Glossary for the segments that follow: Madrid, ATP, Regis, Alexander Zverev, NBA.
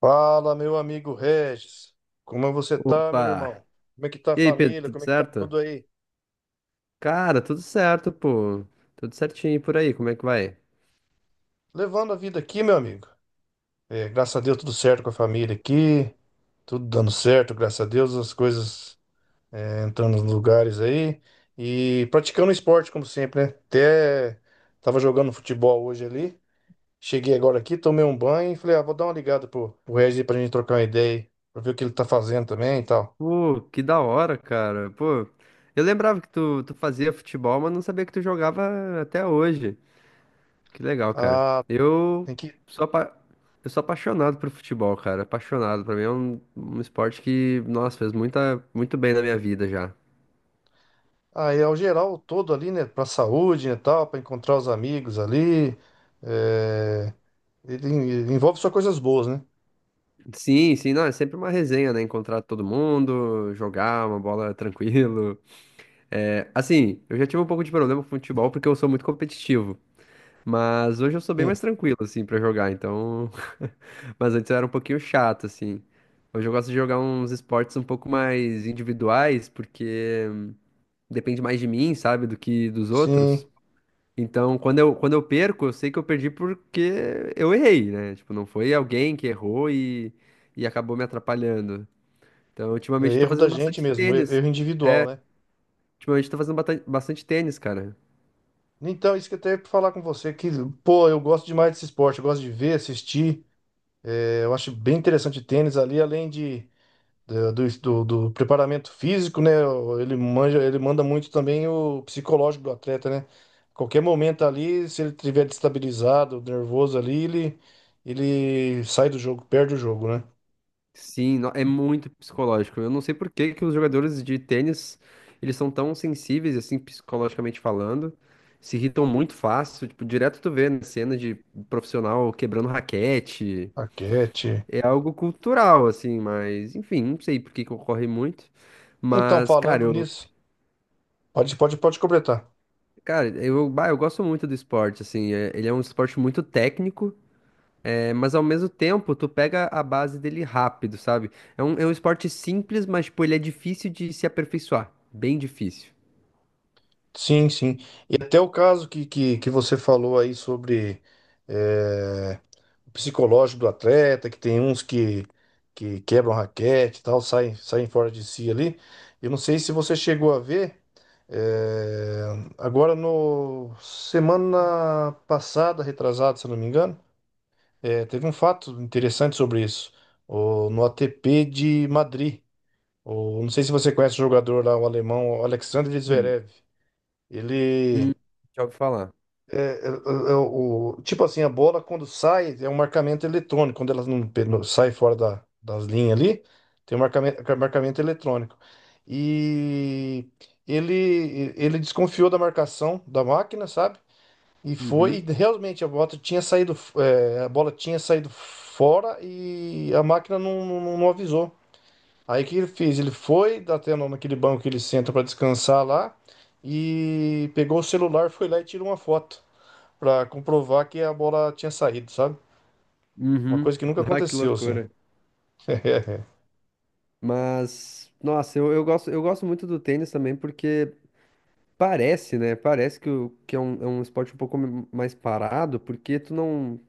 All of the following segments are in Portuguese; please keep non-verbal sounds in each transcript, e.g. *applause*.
Fala, meu amigo Regis. Como você tá, meu Opa! irmão? Como é que tá a E aí, Pedro, família? tudo Como é que tá certo? tudo aí? Cara, tudo certo, pô. Tudo certinho e por aí, como é que vai? Levando a vida aqui, meu amigo. Graças a Deus, tudo certo com a família aqui. Tudo dando certo, graças a Deus, as coisas entrando nos lugares aí. E praticando esporte, como sempre, né? Até tava jogando futebol hoje ali. Cheguei agora aqui, tomei um banho e falei, ah, vou dar uma ligada pro Regis aí pra gente trocar uma ideia aí, pra ver o que ele tá fazendo também e tal. Pô, que da hora, cara. Pô, eu lembrava que tu fazia futebol, mas não sabia que tu jogava até hoje. Que legal, cara. Ah, Eu tem que. sou, apa- eu sou apaixonado por futebol, cara. Apaixonado. Pra mim é um esporte que, nossa, fez muito bem na minha vida já. Aí ao geral todo ali, né, para saúde, né, tal, para encontrar os amigos ali, é, envolve só coisas boas, né? Sim, sim, não, é sempre uma resenha, né? Encontrar todo mundo, jogar uma bola *laughs* tranquilo. É, assim, eu já tive um pouco de problema com futebol porque eu sou muito competitivo. Mas hoje eu sou bem Sim, mais tranquilo, assim, pra jogar, então. *laughs* Mas antes eu era um pouquinho chato, assim. Hoje eu gosto de jogar uns esportes um pouco mais individuais, porque depende mais de mim, sabe, do que dos sim, outros. Então, quando eu perco, eu sei que eu perdi porque eu errei, né? Tipo, não foi alguém que errou e acabou me atrapalhando. Então, é ultimamente eu tô erro da fazendo gente bastante mesmo, tênis. erro individual, né? Ultimamente eu tô fazendo bastante tênis, cara. Então, isso que eu até ia falar com você, que, pô, eu gosto demais desse esporte, eu gosto de ver, assistir, eu acho bem interessante o tênis ali, além do preparamento físico, né? Ele manja, ele manda muito também o psicológico do atleta, né? Qualquer momento ali, se ele estiver destabilizado, nervoso ali, ele sai do jogo, perde o jogo, né? Sim, é muito psicológico. Eu não sei por que que os jogadores de tênis, eles são tão sensíveis, assim, psicologicamente falando, se irritam muito fácil, tipo, direto tu vê na cena de profissional quebrando raquete, Raquete. é algo cultural, assim, mas, enfim, não sei por que que ocorre muito, Então, mas, falando nisso, pode completar. cara, eu, bah, eu gosto muito do esporte, assim, ele é um esporte muito técnico. É, mas ao mesmo tempo, tu pega a base dele rápido, sabe? É é um esporte simples, mas, tipo, ele é difícil de se aperfeiçoar. Bem difícil. Sim, sim. E até o caso que você falou aí sobre. eh, psicológico do atleta, que tem uns que quebram raquete e tal, saem fora de si ali. Eu não sei se você chegou a ver, é, agora no semana passada, retrasada, se eu não me engano, teve um fato interessante sobre isso, no ATP de Madrid. Não sei se você conhece o jogador lá, o alemão o Alexander Hum, Zverev. Ele hum, Já ouvi falar. é, é, tipo assim, a bola quando sai é um marcamento eletrônico. Quando ela não, não sai fora das linhas ali, tem um marcamento eletrônico. E ele desconfiou da marcação da máquina, sabe? E foi, e Uhum, realmente a bola tinha saído, a bola tinha saído fora e a máquina não avisou. Aí o que ele fez? Ele foi dá até naquele banco que ele senta para descansar lá e pegou o celular, foi lá e tirou uma foto pra comprovar que a bola tinha saído, sabe? Uma coisa uhum. que nunca *laughs* Ah, que aconteceu, assim. loucura. *laughs* Mas, nossa, eu gosto muito do tênis também porque parece, né? Parece que é é um esporte um pouco mais parado, porque tu não.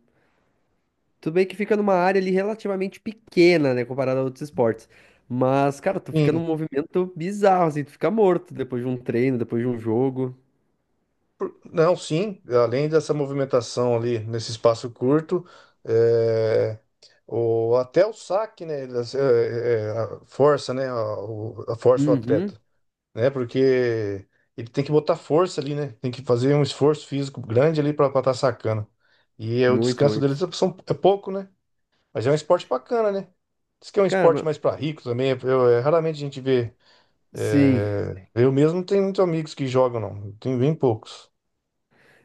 Tudo bem que fica numa área ali relativamente pequena, né, comparado a outros esportes. Mas, cara, tu fica num Sim, movimento bizarro, assim, tu fica morto depois de um treino, depois de um jogo. não, sim, além dessa movimentação ali nesse espaço curto, é, até o saque, né, ele, assim, a força, né, a força o Uhum, atleta, né, porque ele tem que botar força ali, né, tem que fazer um esforço físico grande ali para estar sacando. E é, o muito, descanso muito. deles é pouco, né, mas é um esporte bacana, né. Diz que é um Cara, esporte ma- mais para rico também, eu, é, raramente a gente vê. sim. É, eu mesmo não tenho muitos amigos que jogam, não. Eu tenho bem poucos.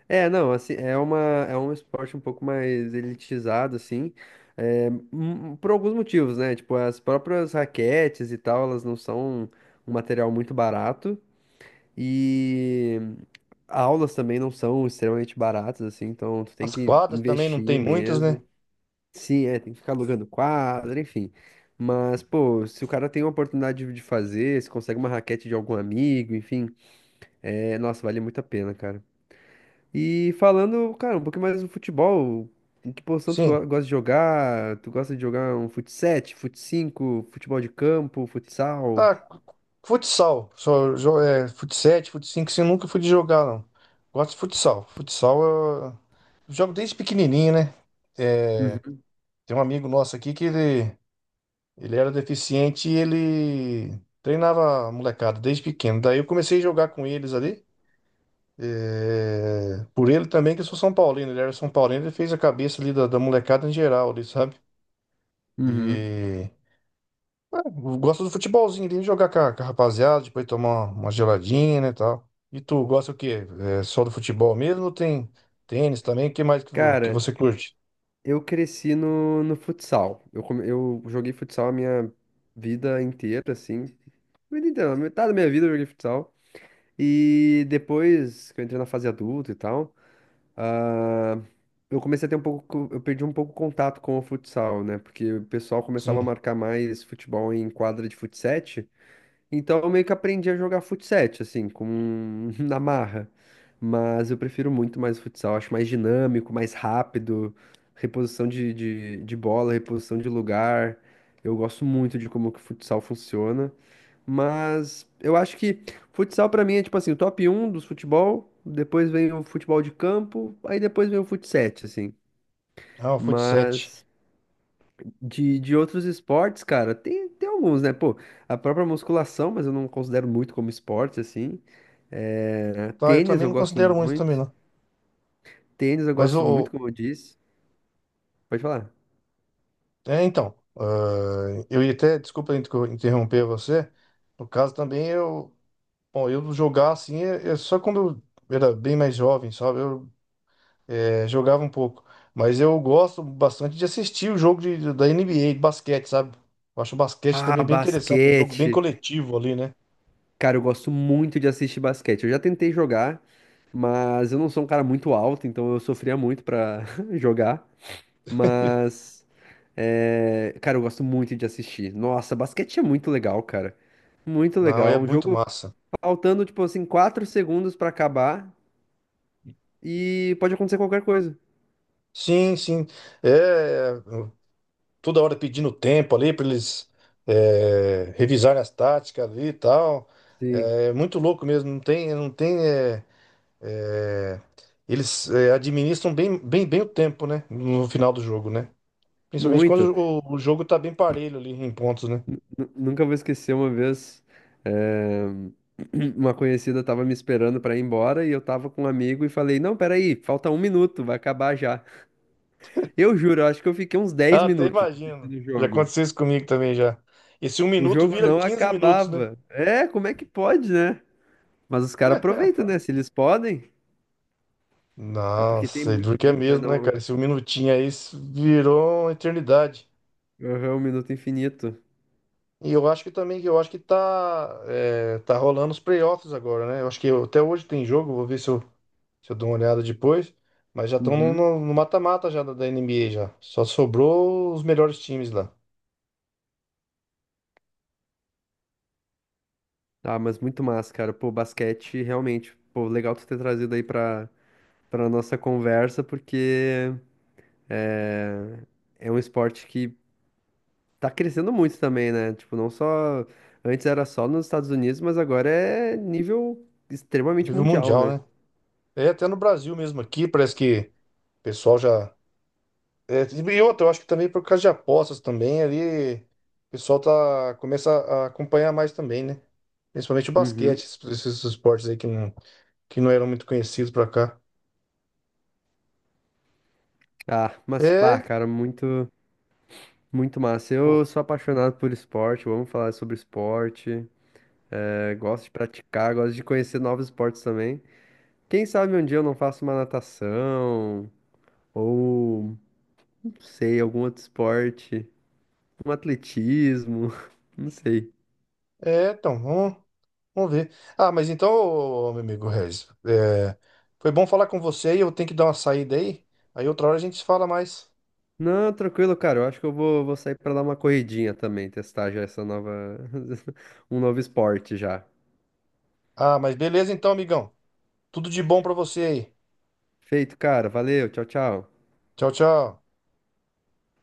É, não, assim, é uma, é um esporte um pouco mais elitizado, assim, é, por alguns motivos, né? Tipo, as próprias raquetes e tal, elas não são um material muito barato. E aulas também não são extremamente baratas, assim, então tu tem As que quadras também não tem investir muitas, né? mesmo. Sim, é, tem que ficar alugando quadra, enfim. Mas, pô, se o cara tem uma oportunidade de fazer, se consegue uma raquete de algum amigo, enfim, é, nossa, vale muito a pena, cara. E falando, cara, um pouquinho mais do futebol, em que posição tu Sim. go- gosta de jogar? Tu gosta de jogar um fut 7, fut 5, futebol de campo, futsal? Ah, futsal. Só, é, fut 7, fut 5, assim, eu nunca fui de jogar, não. Gosto de futsal. Futsal eu jogo desde pequenininho, né? Uhum. Tem um amigo nosso aqui ele era deficiente e ele treinava a molecada desde pequeno. Daí eu comecei a jogar com eles ali. É, por ele também, que eu sou São Paulino. Ele era São Paulino, ele fez a cabeça ali da molecada em geral, ali, sabe? E Uhum. é, eu gosto do futebolzinho ali, jogar com a rapaziada, depois tomar uma geladinha, né, tal. E tu gosta o quê? É só do futebol mesmo ou tem tênis também? O que mais que, que Cara, você curte? eu cresci no futsal. Eu, eu joguei futsal a minha vida inteira, assim. Vida inteira, metade da minha vida eu joguei futsal. E depois que eu entrei na fase adulta e tal, ah, eu comecei a ter um pouco, eu perdi um pouco o contato com o futsal, né? Porque o pessoal começava a Sim. marcar mais futebol em quadra de futsal, então eu meio que aprendi a jogar futsal, assim, com *laughs* na marra. Mas eu prefiro muito mais o futsal, acho mais dinâmico, mais rápido, reposição de bola, reposição de lugar. Eu gosto muito de como que o futsal funciona. Mas eu acho que futsal pra mim é tipo assim, o top um dos futebol, depois vem o futebol de campo, aí depois vem o futsal, assim. Ah, o fut 7. Mas de outros esportes, cara, tem alguns, né? Pô, a própria musculação, mas eu não considero muito como esporte, assim. É, Tá, eu tênis também eu não gosto considero muito também, muito. não. Tênis eu Mas gosto o... muito, como eu disse. Pode falar. É, então, ah, eu ia até... Desculpa interromper você. No caso também, eu... Bom, eu jogar assim, é só quando eu era bem mais jovem, sabe? Eu é, jogava um pouco. Mas eu gosto bastante de assistir o jogo da NBA, de basquete, sabe? Eu acho o basquete Ah, também bem interessante, é um jogo bem basquete. coletivo ali, né? Cara, eu gosto muito de assistir basquete. Eu já tentei jogar, mas eu não sou um cara muito alto, então eu sofria muito pra *laughs* jogar. Mas, é, cara, eu gosto muito de assistir. Nossa, basquete é muito legal, cara. Muito Não, é legal. Um muito jogo. massa. Faltando, tipo assim, 4 segundos pra acabar e pode acontecer qualquer coisa. Sim, sim. É, toda hora pedindo tempo ali para eles revisarem as táticas ali e tal. Sim, É é muito louco mesmo, não tem, não tem. É, eles é, administram bem o tempo, né? No final do jogo, né? Principalmente muito. quando o jogo tá bem parelho ali em pontos, né? Nunca vou esquecer uma vez, eh, *clears throat* uma conhecida tava me esperando pra ir embora e eu tava com um amigo e falei, não, peraí, falta um minuto, vai acabar já. Eu juro, eu acho que eu fiquei uns 10 Ah, até minutos imagino. assistindo o Já jogo. aconteceu isso comigo também já. Esse um O minuto jogo vira não 15 minutos, né? acabava. É, como é que pode, né? Mas os caras aproveitam, né? Se eles podem, é porque tem Nossa, e duro muito que é disso, né? mesmo, né, Não... cara? Esse um minutinho aí virou uma eternidade. Aham, um minuto infinito. E eu acho que também, eu acho que tá, tá rolando os playoffs agora, né? Eu acho que até hoje tem jogo, vou ver se eu, se eu dou uma olhada depois. Mas já estão Uhum. No mata-mata já da NBA já. Só sobrou os melhores times lá. Ah, mas muito massa, cara. Pô, basquete, realmente. Pô, legal tu ter trazido aí pra, pra nossa conversa, porque é, é um esporte que tá crescendo muito também, né? Tipo, não só. Antes era só nos Estados Unidos, mas agora é nível extremamente Nível mundial, mundial, né? né? É, até no Brasil mesmo aqui, parece que o pessoal já. É, e outra, eu acho que também por causa de apostas também ali, o pessoal tá, começa a acompanhar mais também, né? Principalmente o Uhum. basquete, esses esportes aí que não eram muito conhecidos pra cá. Ah, mas, pá, É, cara, muito, muito massa. o- Eu sou apaixonado por esporte, vamos falar sobre esporte. É, gosto de praticar, gosto de conhecer novos esportes também. Quem sabe um dia eu não faço uma natação. Ou, não sei, algum outro esporte. Um atletismo. *laughs* Não sei. Então, vamos ver. Ah, mas então, ô, meu amigo Regis, foi bom falar com você aí, eu tenho que dar uma saída aí, aí outra hora a gente se fala mais. Não, tranquilo, cara. Eu acho que eu vou sair pra dar uma corridinha também, testar já essa nova. *laughs* Um novo esporte já. Ah, mas beleza então, amigão. Tudo de bom pra você aí. Feito, cara. Valeu. Tchau, tchau. Tchau, tchau.